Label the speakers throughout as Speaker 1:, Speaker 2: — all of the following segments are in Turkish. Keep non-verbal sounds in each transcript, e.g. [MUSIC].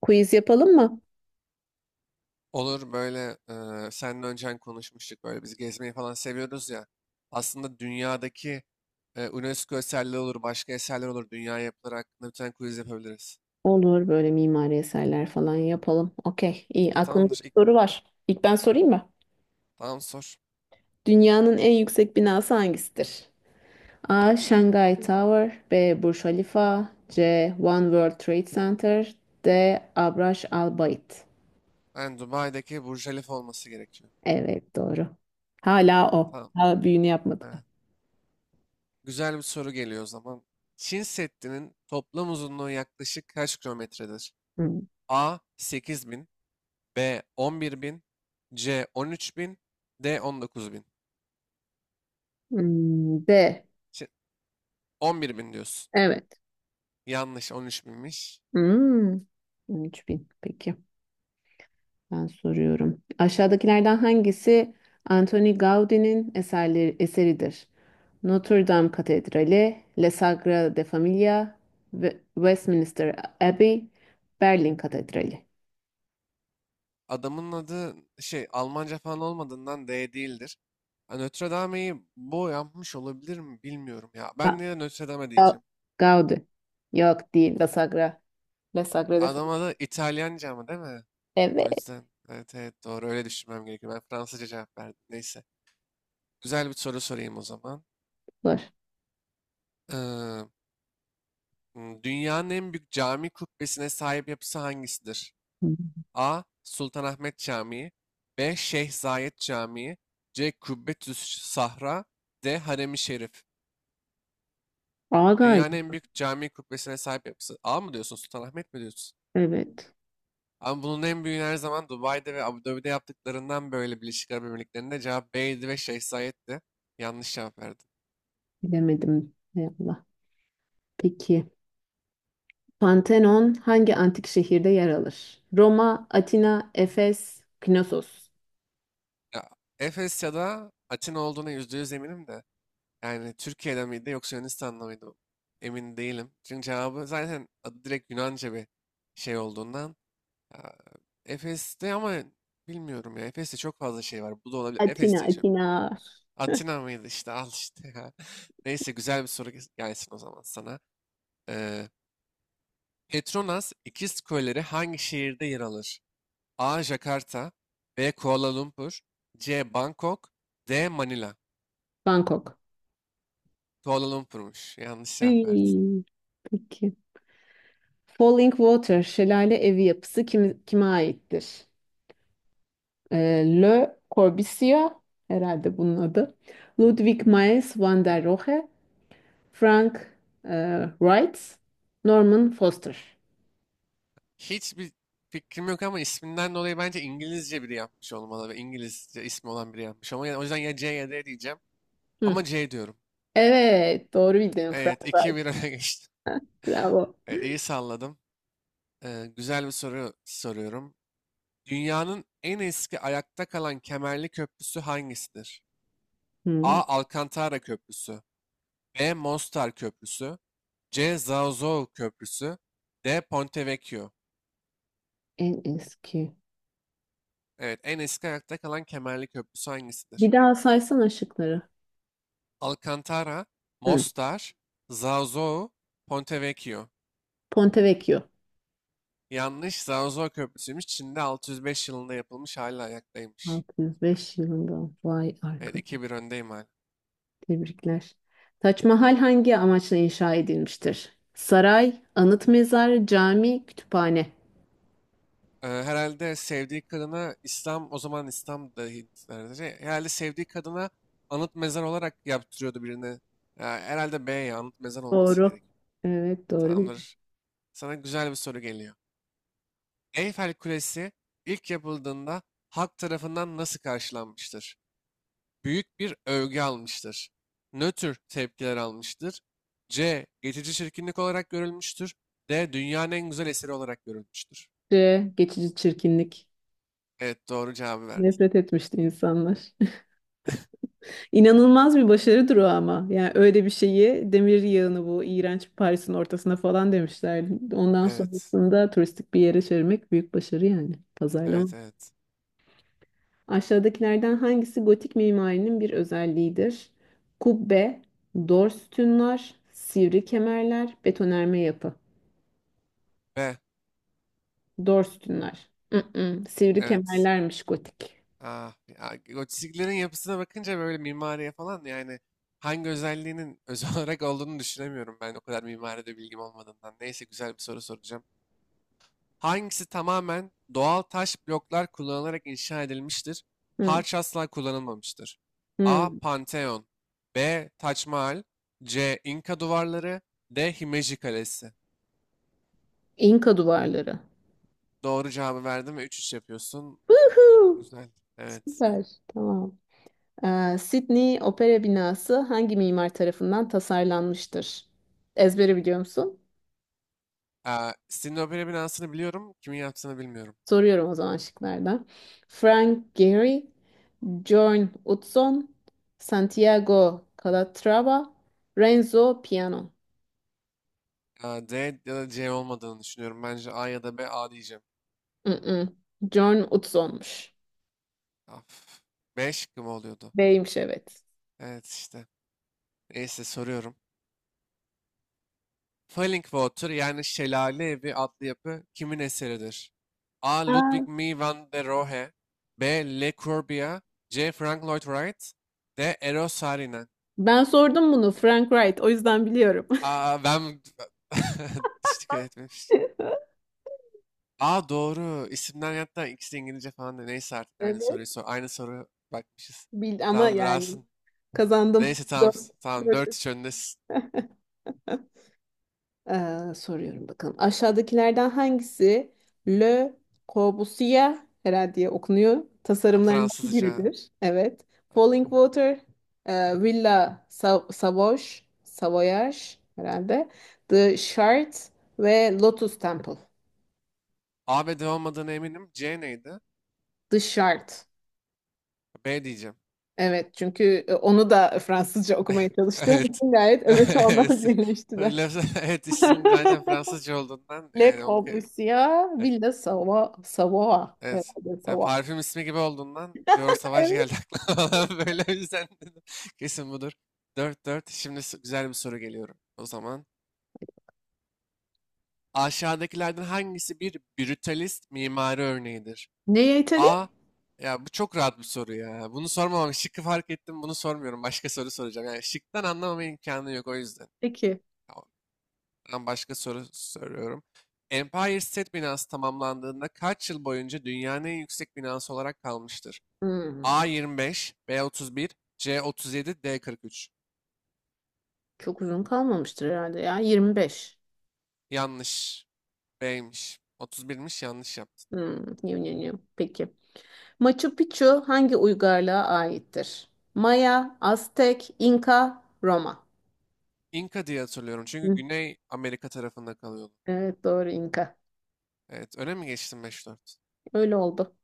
Speaker 1: Quiz yapalım mı?
Speaker 2: Olur, böyle seninle öncen konuşmuştuk, böyle biz gezmeyi falan seviyoruz ya. Aslında dünyadaki UNESCO eserleri olur, başka eserler olur. Dünya yapıları hakkında bir tane quiz yapabiliriz.
Speaker 1: Olur böyle mimari eserler falan yapalım. Okey, iyi. Aklımda
Speaker 2: Tamamdır.
Speaker 1: bir soru var. İlk ben sorayım mı?
Speaker 2: Tamam, sor.
Speaker 1: Dünyanın en yüksek binası hangisidir? A. Shanghai Tower, B. Burj Khalifa, C. One World Trade Center, D. Abraş Al Bait.
Speaker 2: Yani Dubai'deki Burj Khalifa olması gerekiyor.
Speaker 1: Evet, doğru. Hala o.
Speaker 2: Tamam.
Speaker 1: Hala büyüğünü yapmadılar.
Speaker 2: Evet. Güzel bir soru geliyor o zaman. Çin Seddi'nin toplam uzunluğu yaklaşık kaç kilometredir?
Speaker 1: Hmm.
Speaker 2: A 8000, B 11000, C 13000, D 19000.
Speaker 1: Hmm, D.
Speaker 2: Çin- 11000 diyorsun.
Speaker 1: Evet.
Speaker 2: Yanlış, 13 binmiş.
Speaker 1: Hmm. 3000. Peki. Ben soruyorum. Aşağıdakilerden hangisi Antoni Gaudi'nin eseridir? Notre Dame Katedrali, La Sagrada Familia, Westminster Abbey, Berlin Katedrali.
Speaker 2: Adamın adı Almanca falan olmadığından D değildir. Ha, Notre Dame'yi bu yapmış olabilir mi, bilmiyorum ya.
Speaker 1: Ha,
Speaker 2: Ben niye Notre Dame
Speaker 1: Ga-
Speaker 2: diyeceğim?
Speaker 1: Gaudi. Yok değil, La Sagra. La Sagrada
Speaker 2: Adam
Speaker 1: Familia.
Speaker 2: adı İtalyanca mı değil mi? O
Speaker 1: Evet,
Speaker 2: yüzden evet, evet, doğru, öyle düşünmem gerekiyor. Ben Fransızca cevap verdim. Neyse. Güzel bir soru sorayım o zaman.
Speaker 1: var.
Speaker 2: Ee, dünyanın en büyük cami kubbesine sahip yapısı hangisidir? A. Sultanahmet Camii. B. Şeyh Zayed Camii. C. Kubbetüs Sahra. D. Harem-i Şerif.
Speaker 1: Agay.
Speaker 2: Dünyanın en büyük cami kubbesine sahip yapısı. A mı diyorsun, Sultanahmet mi diyorsun?
Speaker 1: Evet,
Speaker 2: Ama bunun en büyüğünü her zaman Dubai'de ve Abu Dhabi'de yaptıklarından, böyle Birleşik Arap Emirlikleri'nde, cevap B'ydi ve Şeyh Zayed'di. Yanlış cevap verdin.
Speaker 1: bilemedim. Ey Allah. Peki. Pantheon hangi antik şehirde yer alır? Roma, Atina, Efes, Knossos.
Speaker 2: Ya, Efes ya da Atina olduğuna yüzde yüz eminim de. Yani Türkiye'de miydi yoksa Yunanistan'da mıydı? Emin değilim. Çünkü cevabı zaten adı direkt Yunanca bir şey olduğundan. Ya, Efes'te, ama bilmiyorum ya. Efes'te çok fazla şey var. Bu da olabilir.
Speaker 1: Atina,
Speaker 2: Efes diyeceğim.
Speaker 1: Atina.
Speaker 2: Atina mıydı işte [LAUGHS] al işte ya. [LAUGHS] Neyse, güzel bir soru gelsin o zaman sana. Ee, Petronas İkiz Kuleleri hangi şehirde yer alır? A. Jakarta. B. Kuala Lumpur. C. Bangkok. D. Manila.
Speaker 1: Bangkok.
Speaker 2: Kuala Lumpur'muş. Yanlış cevap verdin.
Speaker 1: Ay, peki. Falling Water şelale evi yapısı kime aittir? Le Corbusier herhalde bunun adı. Ludwig Mies van der Rohe, Frank Wright, Norman Foster.
Speaker 2: Hiçbir fikrim yok, ama isminden dolayı bence İngilizce biri yapmış olmalı ve İngilizce ismi olan biri yapmış. Ama yani, o yüzden ya C ya D diyeceğim.
Speaker 1: Hı.
Speaker 2: Ama C diyorum.
Speaker 1: Evet, doğru bildin. Frank
Speaker 2: Evet,
Speaker 1: Wright.
Speaker 2: iki bir öne [LAUGHS] geçtim.
Speaker 1: Bravo.
Speaker 2: Evet, iyi salladım. Güzel bir soru soruyorum. Dünyanın en eski ayakta kalan kemerli köprüsü hangisidir? A.
Speaker 1: Hı,
Speaker 2: Alcantara Köprüsü. B. Mostar Köprüsü. C. Zazo Köprüsü. D. Ponte Vecchio.
Speaker 1: en eski.
Speaker 2: Evet, en eski ayakta kalan kemerli köprüsü hangisidir?
Speaker 1: Bir daha saysana şıkları.
Speaker 2: Alcantara,
Speaker 1: Hı.
Speaker 2: Mostar, Zazo, Ponte Vecchio.
Speaker 1: Ponte Vecchio.
Speaker 2: Yanlış, Zazo Köprüsü'ymüş. Çin'de 605 yılında yapılmış, hala ayaktaymış.
Speaker 1: 605 yılında. Vay
Speaker 2: Evet,
Speaker 1: arkadaş.
Speaker 2: iki bir öndeyim hala.
Speaker 1: Tebrikler. Taç Mahal hangi amaçla inşa edilmiştir? Saray, anıt mezar, cami, kütüphane.
Speaker 2: Herhalde sevdiği kadına İslam, o zaman İslam da Hintlerce, herhalde sevdiği kadına anıt mezar olarak yaptırıyordu birini. Ya, herhalde B, ya anıt mezar olması
Speaker 1: Doğru.
Speaker 2: gerek.
Speaker 1: Evet, doğru.
Speaker 2: Tamamdır. Sana güzel bir soru geliyor. Eyfel Kulesi ilk yapıldığında halk tarafından nasıl karşılanmıştır? Büyük bir övgü almıştır. Nötr tepkiler almıştır. C. Geçici çirkinlik olarak görülmüştür. D. Dünyanın en güzel eseri olarak görülmüştür.
Speaker 1: C. Geçici çirkinlik.
Speaker 2: Evet, doğru cevabı verdin.
Speaker 1: Nefret etmişti insanlar. [LAUGHS] İnanılmaz bir başarıdır o ama. Yani öyle bir şeyi demir yığını bu iğrenç Paris'in ortasına falan demişler. Ondan
Speaker 2: Evet.
Speaker 1: sonrasında turistik bir yere çevirmek büyük başarı yani. Pazarlama.
Speaker 2: Evet, evet.
Speaker 1: Aşağıdakilerden hangisi gotik mimarinin bir özelliğidir? Kubbe, dor sütunlar, sivri kemerler, betonerme yapı.
Speaker 2: Ve
Speaker 1: Dor sütunlar. Mm-mm, sivri
Speaker 2: evet.
Speaker 1: kemerlermiş gotik.
Speaker 2: Ah, ya, gotiklerin yapısına bakınca böyle, mimariye falan, yani hangi özelliğinin [LAUGHS] özel olarak olduğunu düşünemiyorum, ben o kadar mimaride bilgim olmadığından. Neyse, güzel bir soru soracağım. Hangisi tamamen doğal taş bloklar kullanılarak inşa edilmiştir?
Speaker 1: Hı,
Speaker 2: Harç asla kullanılmamıştır.
Speaker 1: hı.
Speaker 2: A. Pantheon. B. Taç Mahal. C. İnka duvarları. D. Himeji Kalesi.
Speaker 1: İnka duvarları.
Speaker 2: Doğru cevabı verdim ve üç üç yapıyorsun.
Speaker 1: Woohoo!
Speaker 2: Güzel. Evet.
Speaker 1: Süper. Tamam. Sydney Opera Binası hangi mimar tarafından tasarlanmıştır? Ezbere biliyor musun?
Speaker 2: Aa, Sydney Opera binasını biliyorum. Kimin yaptığını bilmiyorum.
Speaker 1: Soruyorum o zaman şıklarda. Frank Gehry, Björn Utzon, Santiago Calatrava, Renzo Piano.
Speaker 2: Aa, D ya da C olmadığını düşünüyorum. Bence A ya da B. A diyeceğim.
Speaker 1: Mm-mm. Björn Utzon'muş.
Speaker 2: Af. B şıkkı mı oluyordu?
Speaker 1: B'ymiş, evet.
Speaker 2: Evet işte. Neyse, soruyorum. Falling Water, yani Şelale Evi adlı yapı kimin eseridir? A.
Speaker 1: Aa,
Speaker 2: Ludwig Mies van der Rohe. B. Le Corbusier. C. Frank Lloyd Wright. D. Eros Saarinen.
Speaker 1: ben sordum bunu, Frank Wright, o yüzden biliyorum.
Speaker 2: Aa, ben [LAUGHS] hiç dikkat etmemiştim.
Speaker 1: [LAUGHS]
Speaker 2: Aa, doğru. İsimler, hatta ikisi İngilizce falan da. Neyse artık, aynı
Speaker 1: Evet.
Speaker 2: soruyu sor. Aynı soru bakmışız.
Speaker 1: Bil ama
Speaker 2: Tamam
Speaker 1: yani
Speaker 2: durasın.
Speaker 1: kazandım.
Speaker 2: Neyse tamam.
Speaker 1: Dört.
Speaker 2: Tamam,
Speaker 1: Dört.
Speaker 2: 4-3 öndesin.
Speaker 1: Soruyorum bakalım. Aşağıdakilerden hangisi Le Corbusier herhalde diye okunuyor.
Speaker 2: Tamam,
Speaker 1: Tasarımlarından
Speaker 2: Fransızca.
Speaker 1: biridir. Evet. Falling Water, Villa Savoş, Savoyage herhalde. The Shard ve Lotus Temple.
Speaker 2: A ve D olmadığına eminim. C neydi?
Speaker 1: The Shard.
Speaker 2: B diyeceğim.
Speaker 1: Evet çünkü onu da Fransızca okumaya
Speaker 2: [LAUGHS]
Speaker 1: çalıştığım
Speaker 2: Evet.
Speaker 1: için gayet
Speaker 2: [LAUGHS]
Speaker 1: evet onlar
Speaker 2: Evet.
Speaker 1: birleştiler.
Speaker 2: [LAUGHS] Evet, isim zaten Fransızca olduğundan,
Speaker 1: [LAUGHS] Le
Speaker 2: yani onu
Speaker 1: Corbusier,
Speaker 2: e-
Speaker 1: Villa Savoie, Savoie
Speaker 2: evet.
Speaker 1: herhalde
Speaker 2: Ya
Speaker 1: Savoie.
Speaker 2: parfüm ismi gibi olduğundan, diyor, savaş geldi aklıma [LAUGHS] falan. Böyle, o yüzden dedim, kesin budur. Dört dört. Şimdi güzel bir soru geliyorum. O zaman aşağıdakilerden hangisi bir brutalist mimari örneğidir?
Speaker 1: Neye İtalya?
Speaker 2: A. Ya bu çok rahat bir soru ya. Bunu sormamam. Şıkkı fark ettim. Bunu sormuyorum. Başka soru soracağım. Yani şıktan anlamama imkanı yok, o yüzden.
Speaker 1: Peki.
Speaker 2: Tamam. Ben başka soru soruyorum. Empire State binası tamamlandığında kaç yıl boyunca dünyanın en yüksek binası olarak kalmıştır?
Speaker 1: Hmm,
Speaker 2: A 25, B 31, C 37, D 43.
Speaker 1: çok uzun kalmamıştır herhalde ya. 25.
Speaker 2: Yanlış. B'ymiş. 31'miş, yanlış yaptın.
Speaker 1: Hmm. Yum, yum, yum. Peki. Machu Picchu hangi uygarlığa aittir? Maya, Aztek, İnka, Roma.
Speaker 2: İnka diye hatırlıyorum çünkü
Speaker 1: Hı,
Speaker 2: Güney Amerika tarafında kalıyordu.
Speaker 1: evet, doğru, İnka.
Speaker 2: Evet, öne mi geçtim, beş dört?
Speaker 1: Öyle oldu.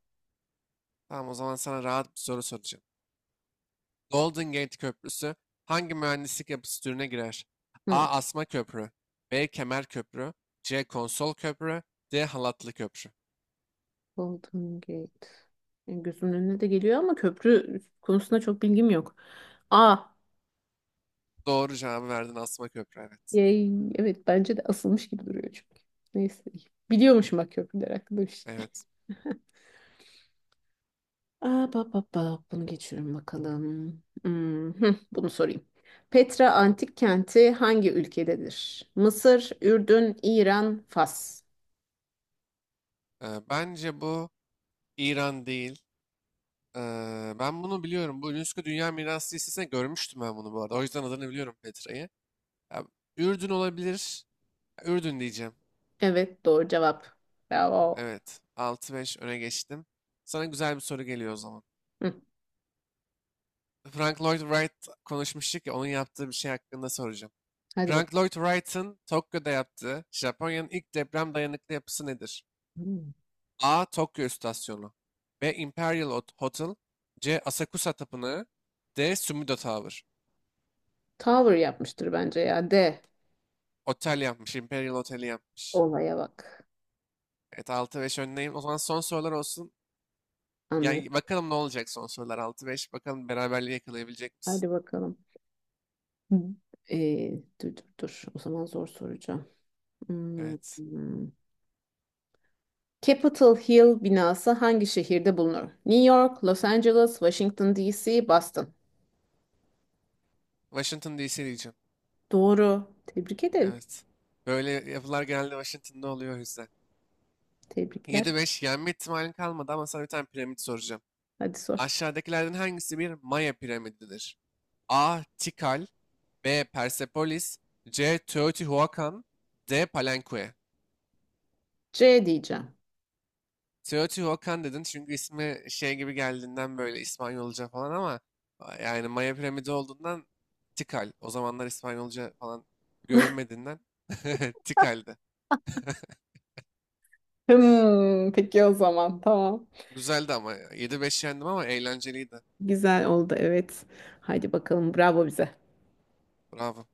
Speaker 2: Tamam, o zaman sana rahat bir soru soracağım. Golden Gate Köprüsü hangi mühendislik yapısı türüne girer?
Speaker 1: Hı.
Speaker 2: A. Asma köprü. B. Kemer köprü. C. Konsol köprü. D. Halatlı köprü.
Speaker 1: Golden Gate. Yani gözümün önüne de geliyor ama köprü konusunda çok bilgim yok. A.
Speaker 2: Doğru cevabı verdin, asma köprü, evet.
Speaker 1: Yay. Evet, bence de asılmış gibi duruyor çünkü. Neyse. Biliyormuşum bak, köprüler hakkında bir şey.
Speaker 2: Evet.
Speaker 1: Aa, ba, ba, ba. Bunu geçiyorum bakalım. Hmm, hıh, bunu sorayım. Petra antik kenti hangi ülkededir? Mısır, Ürdün, İran, Fas.
Speaker 2: Bence bu İran değil. Ben bunu biliyorum. Bu UNESCO Dünya Mirası listesinde görmüştüm ben bunu bu arada. O yüzden adını biliyorum, Petra'yı. Ya, Ürdün olabilir. Ya, Ürdün diyeceğim.
Speaker 1: Evet, doğru cevap. Bravo.
Speaker 2: Evet, altı beş öne geçtim. Sana güzel bir soru geliyor o zaman.
Speaker 1: Hı,
Speaker 2: Frank Lloyd Wright, konuşmuştuk ya, onun yaptığı bir şey hakkında soracağım.
Speaker 1: hadi bak.
Speaker 2: Frank Lloyd Wright'ın Tokyo'da yaptığı, Japonya'nın ilk deprem dayanıklı yapısı nedir?
Speaker 1: Hmm.
Speaker 2: A. Tokyo İstasyonu. B. Imperial Hotel. C. Asakusa Tapınağı. D. Sumida Tower.
Speaker 1: Tower yapmıştır bence ya. De.
Speaker 2: Otel yapmış. Imperial Oteli yapmış.
Speaker 1: Olaya bak.
Speaker 2: Evet, altı beş öndeyim. O zaman son sorular olsun.
Speaker 1: Anlay.
Speaker 2: Yani bakalım ne olacak, son sorular altı beş. Bakalım beraberliği yakalayabilecek misin?
Speaker 1: Hadi bakalım. Hı. Ee, dur, dur, dur. O zaman zor soracağım. Hmm,
Speaker 2: Evet.
Speaker 1: hmm. Capitol Hill binası hangi şehirde bulunur? New York, Los Angeles, Washington DC, Boston.
Speaker 2: Washington DC diyeceğim.
Speaker 1: Doğru. Tebrik ederim.
Speaker 2: Evet. Böyle yapılar genelde Washington'da oluyor, o yüzden.
Speaker 1: Tebrikler.
Speaker 2: 7-5, yenme ihtimalin kalmadı, ama sana bir tane piramit soracağım.
Speaker 1: Hadi sor.
Speaker 2: Aşağıdakilerden hangisi bir Maya piramididir? A. Tikal. B. Persepolis. C. Teotihuacan. D. Palenque.
Speaker 1: C diyeceğim.
Speaker 2: Teotihuacan dedin çünkü ismi şey gibi geldiğinden, böyle İspanyolca falan, ama yani Maya piramidi olduğundan Tikal. O zamanlar İspanyolca falan görünmediğinden [LAUGHS] Tikal'di.
Speaker 1: Hmm, peki, o zaman tamam.
Speaker 2: Güzeldi, ama 7-5 yendim, ama eğlenceliydi.
Speaker 1: Güzel oldu, evet. Hadi bakalım, bravo bize.
Speaker 2: Bravo.